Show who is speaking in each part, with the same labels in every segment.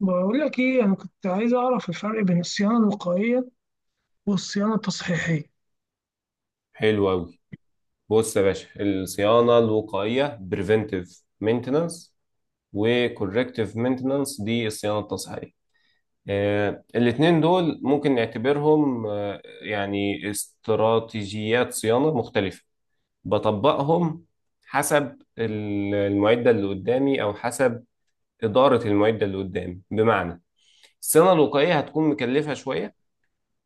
Speaker 1: بقول لك ايه، انا كنت عايز اعرف الفرق بين الصيانه الوقائيه والصيانه التصحيحيه.
Speaker 2: حلو أوي. بص يا باشا، الصيانة الوقائية preventive maintenance و corrective maintenance دي الصيانة التصحيحية. الاتنين دول ممكن نعتبرهم يعني استراتيجيات صيانة مختلفة بطبقهم حسب المعدة اللي قدامي أو حسب إدارة المعدة اللي قدامي. بمعنى الصيانة الوقائية هتكون مكلفة شوية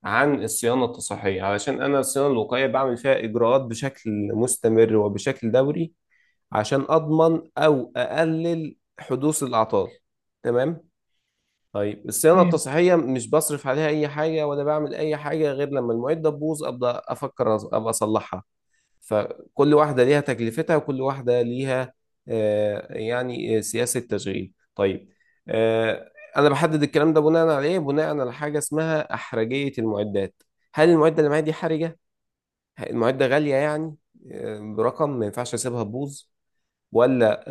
Speaker 2: عن الصيانة التصحيحية علشان أنا الصيانة الوقائية بعمل فيها إجراءات بشكل مستمر وبشكل دوري عشان أضمن أو أقلل حدوث الأعطال. تمام. طيب الصيانة
Speaker 1: تمام.
Speaker 2: التصحيحية مش بصرف عليها أي حاجة ولا بعمل أي حاجة غير لما المعدة تبوظ، أبدأ أفكر أبقى أصلحها. فكل واحدة ليها تكلفتها وكل واحدة ليها يعني سياسة تشغيل. طيب، آه، أنا بحدد الكلام ده بناء على إيه؟ بناء على حاجة اسمها أحرجية المعدات. هل المعدة اللي معايا دي حرجة؟ المعدة غالية يعني، برقم ما ينفعش أسيبها تبوظ، ولا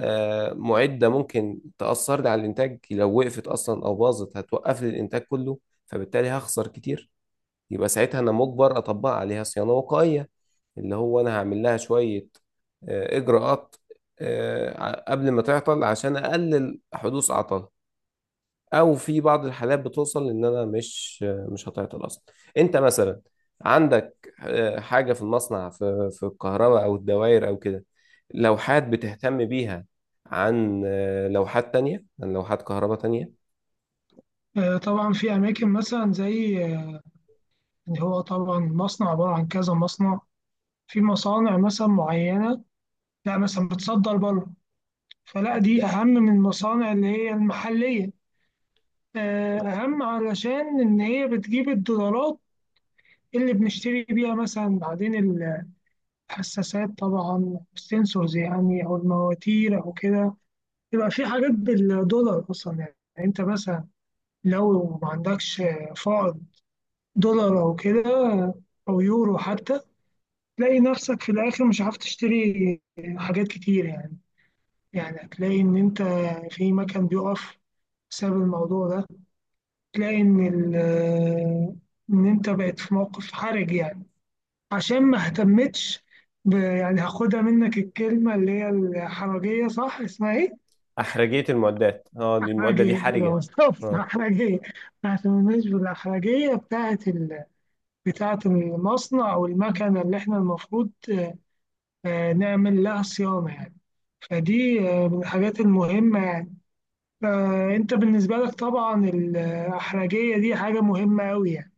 Speaker 2: معدة ممكن تأثر لي على الإنتاج لو وقفت أصلا أو باظت هتوقف لي الإنتاج كله فبالتالي هخسر كتير. يبقى ساعتها أنا مجبر أطبق عليها صيانة وقائية، اللي هو أنا هعمل لها شوية إجراءات قبل ما تعطل عشان أقلل حدوث أعطال. او في بعض الحالات بتوصل ان انا مش هتعطل اصلا. انت مثلا عندك حاجه في المصنع، في الكهرباء او الدوائر او كده، لوحات بتهتم بيها عن لوحات تانية، عن لوحات كهرباء تانية.
Speaker 1: طبعا في اماكن مثلا زي يعني هو طبعا مصنع عباره عن كذا مصنع. في مصانع مثلا معينه، لا مثلا بتصدر بره، فلا دي اهم من المصانع اللي هي المحليه. آه اهم علشان ان هي بتجيب الدولارات اللي بنشتري بيها مثلا بعدين الحساسات، طبعا السنسورز يعني، او المواتير او كده. يبقى في حاجات بالدولار اصلا، يعني انت مثلا لو ما عندكش فائض دولار او كده، او يورو حتى، تلاقي نفسك في الاخر مش عارف تشتري حاجات كتير يعني. يعني هتلاقي ان انت في مكان بيقف بسبب الموضوع ده. تلاقي ان ان انت بقيت في موقف حرج يعني. عشان ما اهتمتش يعني هاخدها منك الكلمة اللي هي الحرجية، صح؟ اسمها ايه؟
Speaker 2: احرجيه المعدات، اه دي المعده دي
Speaker 1: أحرجية،
Speaker 2: حرجه.
Speaker 1: بالظبط،
Speaker 2: اه.
Speaker 1: أحرجية. ما اهتمناش بالأحرجية بتاعة ال... بتاعة المصنع أو المكنة اللي إحنا المفروض نعمل لها صيانة يعني. فدي من الحاجات المهمة يعني. فأنت بالنسبة لك طبعا الأحرجية دي حاجة مهمة أوي يعني،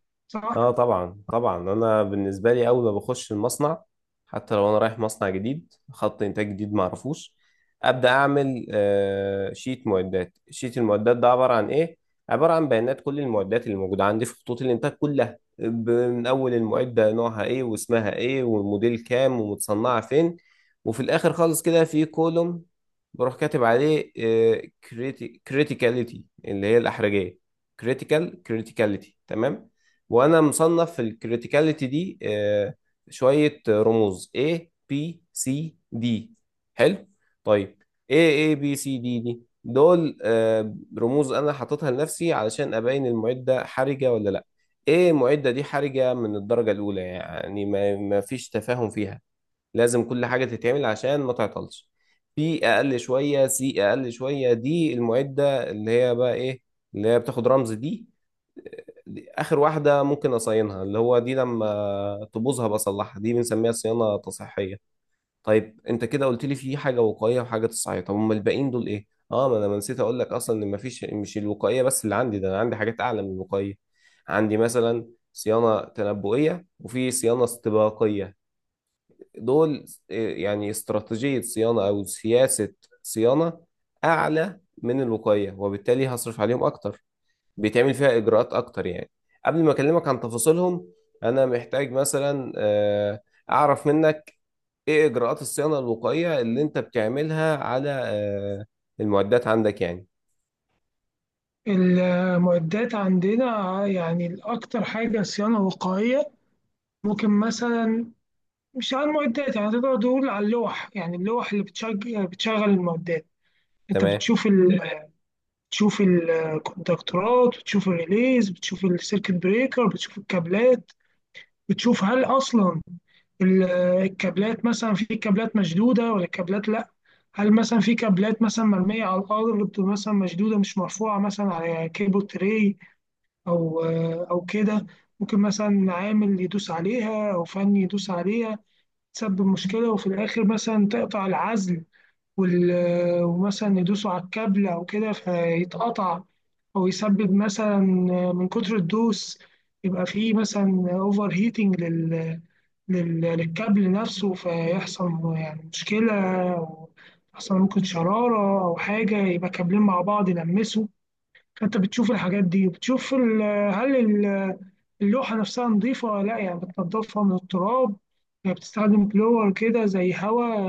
Speaker 2: اه
Speaker 1: صح؟
Speaker 2: طبعا طبعا، انا بالنسبه لي اول ما بخش المصنع، حتى لو انا رايح مصنع جديد خط انتاج جديد ما اعرفوش ابدا، اعمل شيت معدات. شيت المعدات ده عباره عن ايه؟ عباره عن بيانات كل المعدات اللي موجوده عندي في خطوط الانتاج كلها، من اول المعده نوعها ايه واسمها ايه والموديل كام ومتصنعه فين. وفي الاخر خالص كده في كولوم بروح كاتب عليه كريتيكاليتي اللي هي الاحرجيه. كريتيكاليتي، تمام. وانا مصنف في الكريتيكاليتي دي شوية رموز: A، B، C، D. حلو، طيب. A، B، C، D دي دول رموز انا حاططها لنفسي علشان ابين المعدة حرجة ولا لا. A معدة دي حرجة من الدرجة الاولى، يعني ما فيش تفاهم فيها، لازم كل حاجة تتعمل عشان ما تعطلش. في أقل شوية سي أقل شوية دي المعدة اللي هي بقى إيه، اللي هي بتاخد رمز دي. دي آخر واحدة ممكن أصينها، اللي هو دي لما تبوظها بصلحها، دي بنسميها صيانة تصحيحية. طيب أنت كده قلت لي في حاجة وقائية وحاجة تصحيحية، طب أمال الباقيين دول إيه؟ ما أنا ما نسيت أقول لك أصلا إن مفيش، مش الوقائية بس اللي عندي ده، أنا عندي حاجات أعلى من الوقائية. عندي مثلا صيانة تنبؤية وفي صيانة استباقية. دول يعني استراتيجية صيانة أو سياسة صيانة أعلى من الوقاية، وبالتالي هصرف عليهم أكتر، بيتعمل فيها إجراءات أكتر يعني. قبل ما أكلمك عن تفاصيلهم، أنا محتاج مثلا أعرف منك إيه إجراءات الصيانة الوقائية اللي أنت بتعملها على المعدات عندك يعني.
Speaker 1: المعدات عندنا يعني الأكتر حاجة صيانة وقائية. ممكن مثلا مش على المعدات، يعني تقدر تقول على اللوح، يعني اللوح اللي بتشغل بتشغل المعدات. انت
Speaker 2: تمام.
Speaker 1: بتشوف تشوف الكونتاكتورات، بتشوف الريليز، بتشوف السيركت بريكر، بتشوف الكابلات. بتشوف هل اصلا ال- الكابلات مثلا، في كابلات مشدوده ولا كابلات لا. هل مثلا في كابلات مثلا مرميه على الارض، مثلا مشدوده مش مرفوعه مثلا على كيبل تري او او كده. ممكن مثلا عامل يدوس عليها او فني يدوس عليها، تسبب مشكله وفي الاخر مثلا تقطع العزل وال... ومثلا يدوسوا على الكابل أو كده فيتقطع. أو يسبب مثلا من كتر الدوس يبقى فيه مثلا أوفر هيتنج لل... لل... للكابل نفسه، فيحصل يعني مشكلة. أو يحصل ممكن شرارة أو حاجة، يبقى كابلين مع بعض يلمسوا. فأنت بتشوف الحاجات دي وبتشوف ال... هل اللوحة نفسها نظيفة ولا لأ، يعني بتنضفها من التراب. يعني بتستخدم بلور كده زي هوا،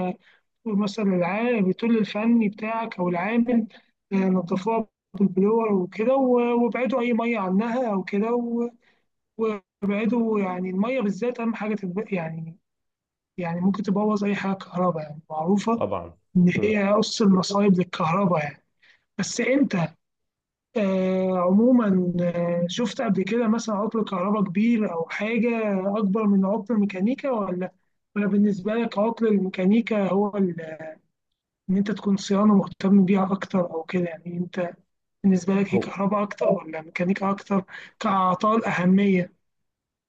Speaker 1: مثلا العامل بتقول للفني بتاعك او العامل، نضفوها بالبلور وكده وابعدوا اي ميه عنها او كده، وابعدوا يعني الميه بالذات، اهم حاجه يعني يعني ممكن تبوظ اي حاجه كهرباء، يعني معروفه
Speaker 2: طبعا.
Speaker 1: ان
Speaker 2: مم.
Speaker 1: هي قص المصايب للكهرباء يعني. بس انت عموما شفت قبل كده مثلا عطل كهرباء كبير او حاجه اكبر من عطل الميكانيكا، ولا ولا بالنسبه لك عطل الميكانيكا هو ان انت تكون صيانه مهتم بيها اكتر او كده، يعني انت بالنسبه لك هي
Speaker 2: هو
Speaker 1: كهرباء اكتر ولا ميكانيكا اكتر، كاعطال اهميه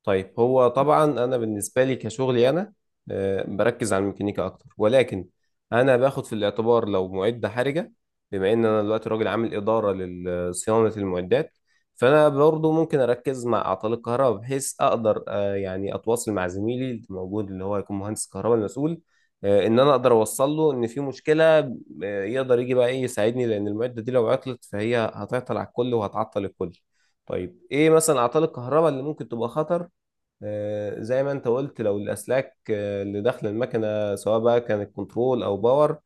Speaker 2: طيب هو طبعا انا بالنسبه لي كشغلي، انا بركز على الميكانيكا اكتر ولكن انا باخد في الاعتبار لو معده حرجه. بما ان انا دلوقتي راجل عامل اداره لصيانه المعدات، فانا برضو ممكن اركز مع اعطال الكهرباء بحيث اقدر يعني اتواصل مع زميلي اللي موجود، اللي هو هيكون مهندس الكهرباء المسؤول، ان انا اقدر اوصل له ان في مشكله، يقدر يجي بقى ايه يساعدني، لان المعده دي لو عطلت فهي هتعطل على الكل وهتعطل الكل. طيب ايه مثلا اعطال الكهرباء اللي ممكن تبقى خطر؟ زي ما انت قلت لو الاسلاك اللي داخله المكنه سواء بقى كانت كنترول او باور،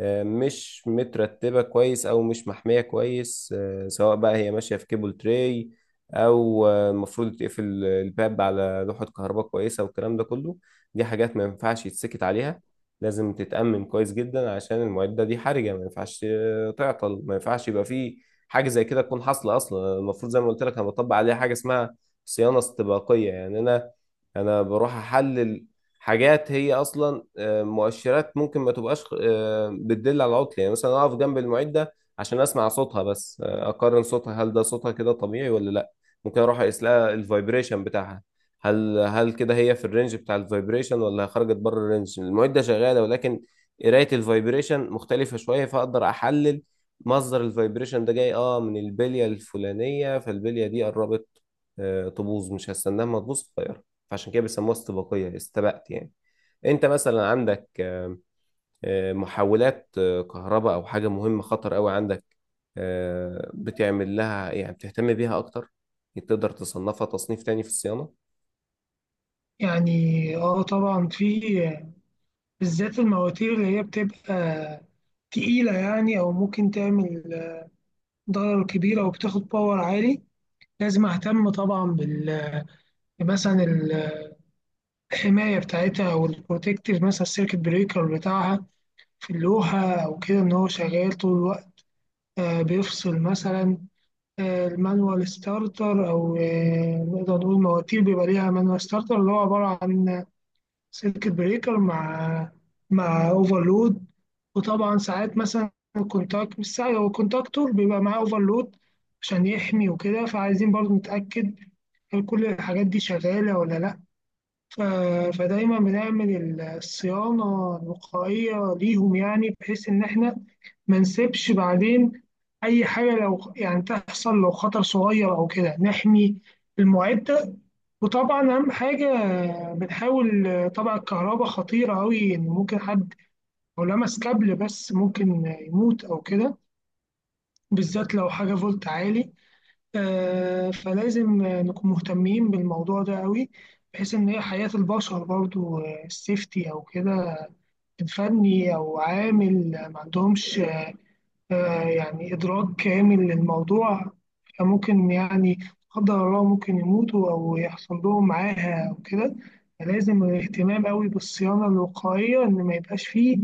Speaker 2: مش مترتبه كويس او مش محميه كويس، سواء بقى هي ماشيه في كيبل تراي، او المفروض تقفل الباب على لوحه كهرباء كويسه والكلام ده كله. دي حاجات ما ينفعش يتسكت عليها، لازم تتأمن كويس جدا عشان المعده دي حرجه، ما ينفعش تعطل، ما ينفعش يبقى فيه حاجه زي كده تكون حاصله اصلا. المفروض زي ما قلت لك انا بطبق عليها حاجه اسمها صيانه استباقيه، يعني انا بروح احلل حاجات هي اصلا مؤشرات ممكن ما تبقاش بتدل على عطل، يعني مثلا اقف جنب المعده عشان اسمع صوتها بس، اقارن صوتها هل ده صوتها كده طبيعي ولا لا. ممكن اروح اقيس لها الفايبريشن بتاعها، هل كده هي في الرينج بتاع الفايبريشن ولا خرجت بره الرينج، المعده شغاله ولكن قرايه الفايبريشن مختلفه شويه، فاقدر احلل مصدر الفايبريشن ده جاي من البليه الفلانيه، فالبليه دي قربت تبوظ، مش هستناها ما تبوظ. فعشان كده بيسموها استباقية، استبقت يعني. انت مثلا عندك محولات كهرباء او حاجة مهمة خطر قوي عندك، بتعمل لها يعني بتهتم بيها اكتر، تقدر تصنفها تصنيف تاني في الصيانة.
Speaker 1: يعني؟ اه طبعا، في بالذات المواتير اللي هي بتبقى تقيله يعني، او ممكن تعمل ضرر كبير او بتاخد باور عالي. لازم اهتم طبعا بال مثلا الحمايه بتاعتها او البروتكتيف، مثلا السيركت بريكر بتاعها في اللوحه او كده، ان هو شغال طول الوقت. بيفصل مثلا المانوال ستارتر، او نقدر نقول مواتير بيبقى ليها مانوال ستارتر، اللي هو عباره عن سيركت بريكر مع اوفرلود. وطبعا ساعات مثلا الكونتاكت، مش ساعات، هو الكونتاكتور بيبقى معاه اوفرلود عشان يحمي وكده. فعايزين برضو نتاكد هل كل الحاجات دي شغاله ولا لا. فدايما بنعمل الصيانة الوقائية ليهم، يعني بحيث إن إحنا ما نسيبش بعدين أي حاجة لو يعني تحصل، لو خطر صغير أو كده نحمي المعدة. وطبعا أهم حاجة بنحاول، طبعا الكهرباء خطيرة أوي، إن ممكن حد لو لمس كابل بس ممكن يموت أو كده، بالذات لو حاجة فولت عالي. فلازم نكون مهتمين بالموضوع ده قوي، بحيث إن هي حياة البشر برضو، السيفتي أو كده. فني أو عامل ما عندهمش يعني إدراك كامل للموضوع، فممكن يعني لا قدر الله ممكن يموتوا أو يحصل لهم معاها أو كده. فلازم اهتمام قوي بالصيانة الوقائية، إن ما يبقاش فيه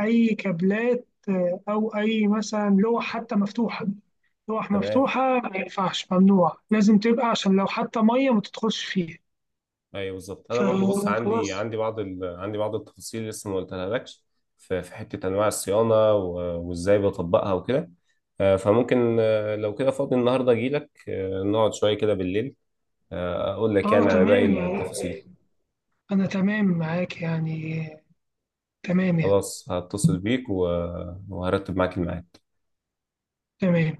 Speaker 1: أي كابلات أو أي مثلا لوح حتى مفتوحة. لوح
Speaker 2: تمام،
Speaker 1: مفتوحة ما ينفعش، ممنوع، لازم تبقى عشان لو حتى مية ما تدخلش فيها.
Speaker 2: ايوه بالظبط. انا برضو بص، عندي
Speaker 1: فخلاص.
Speaker 2: عندي بعض عندي بعض التفاصيل اللي لسه ما قلتها لكش. في حته انواع الصيانه وازاي بطبقها وكده، فممكن لو كده فاضي النهارده اجي لك، نقعد شويه كده بالليل اقول لك
Speaker 1: اه
Speaker 2: يعني على باقي
Speaker 1: تمام،
Speaker 2: التفاصيل.
Speaker 1: أنا تمام معاك يعني، تمام يعني.
Speaker 2: خلاص هتصل بيك وهرتب معاك الميعاد.
Speaker 1: تمام.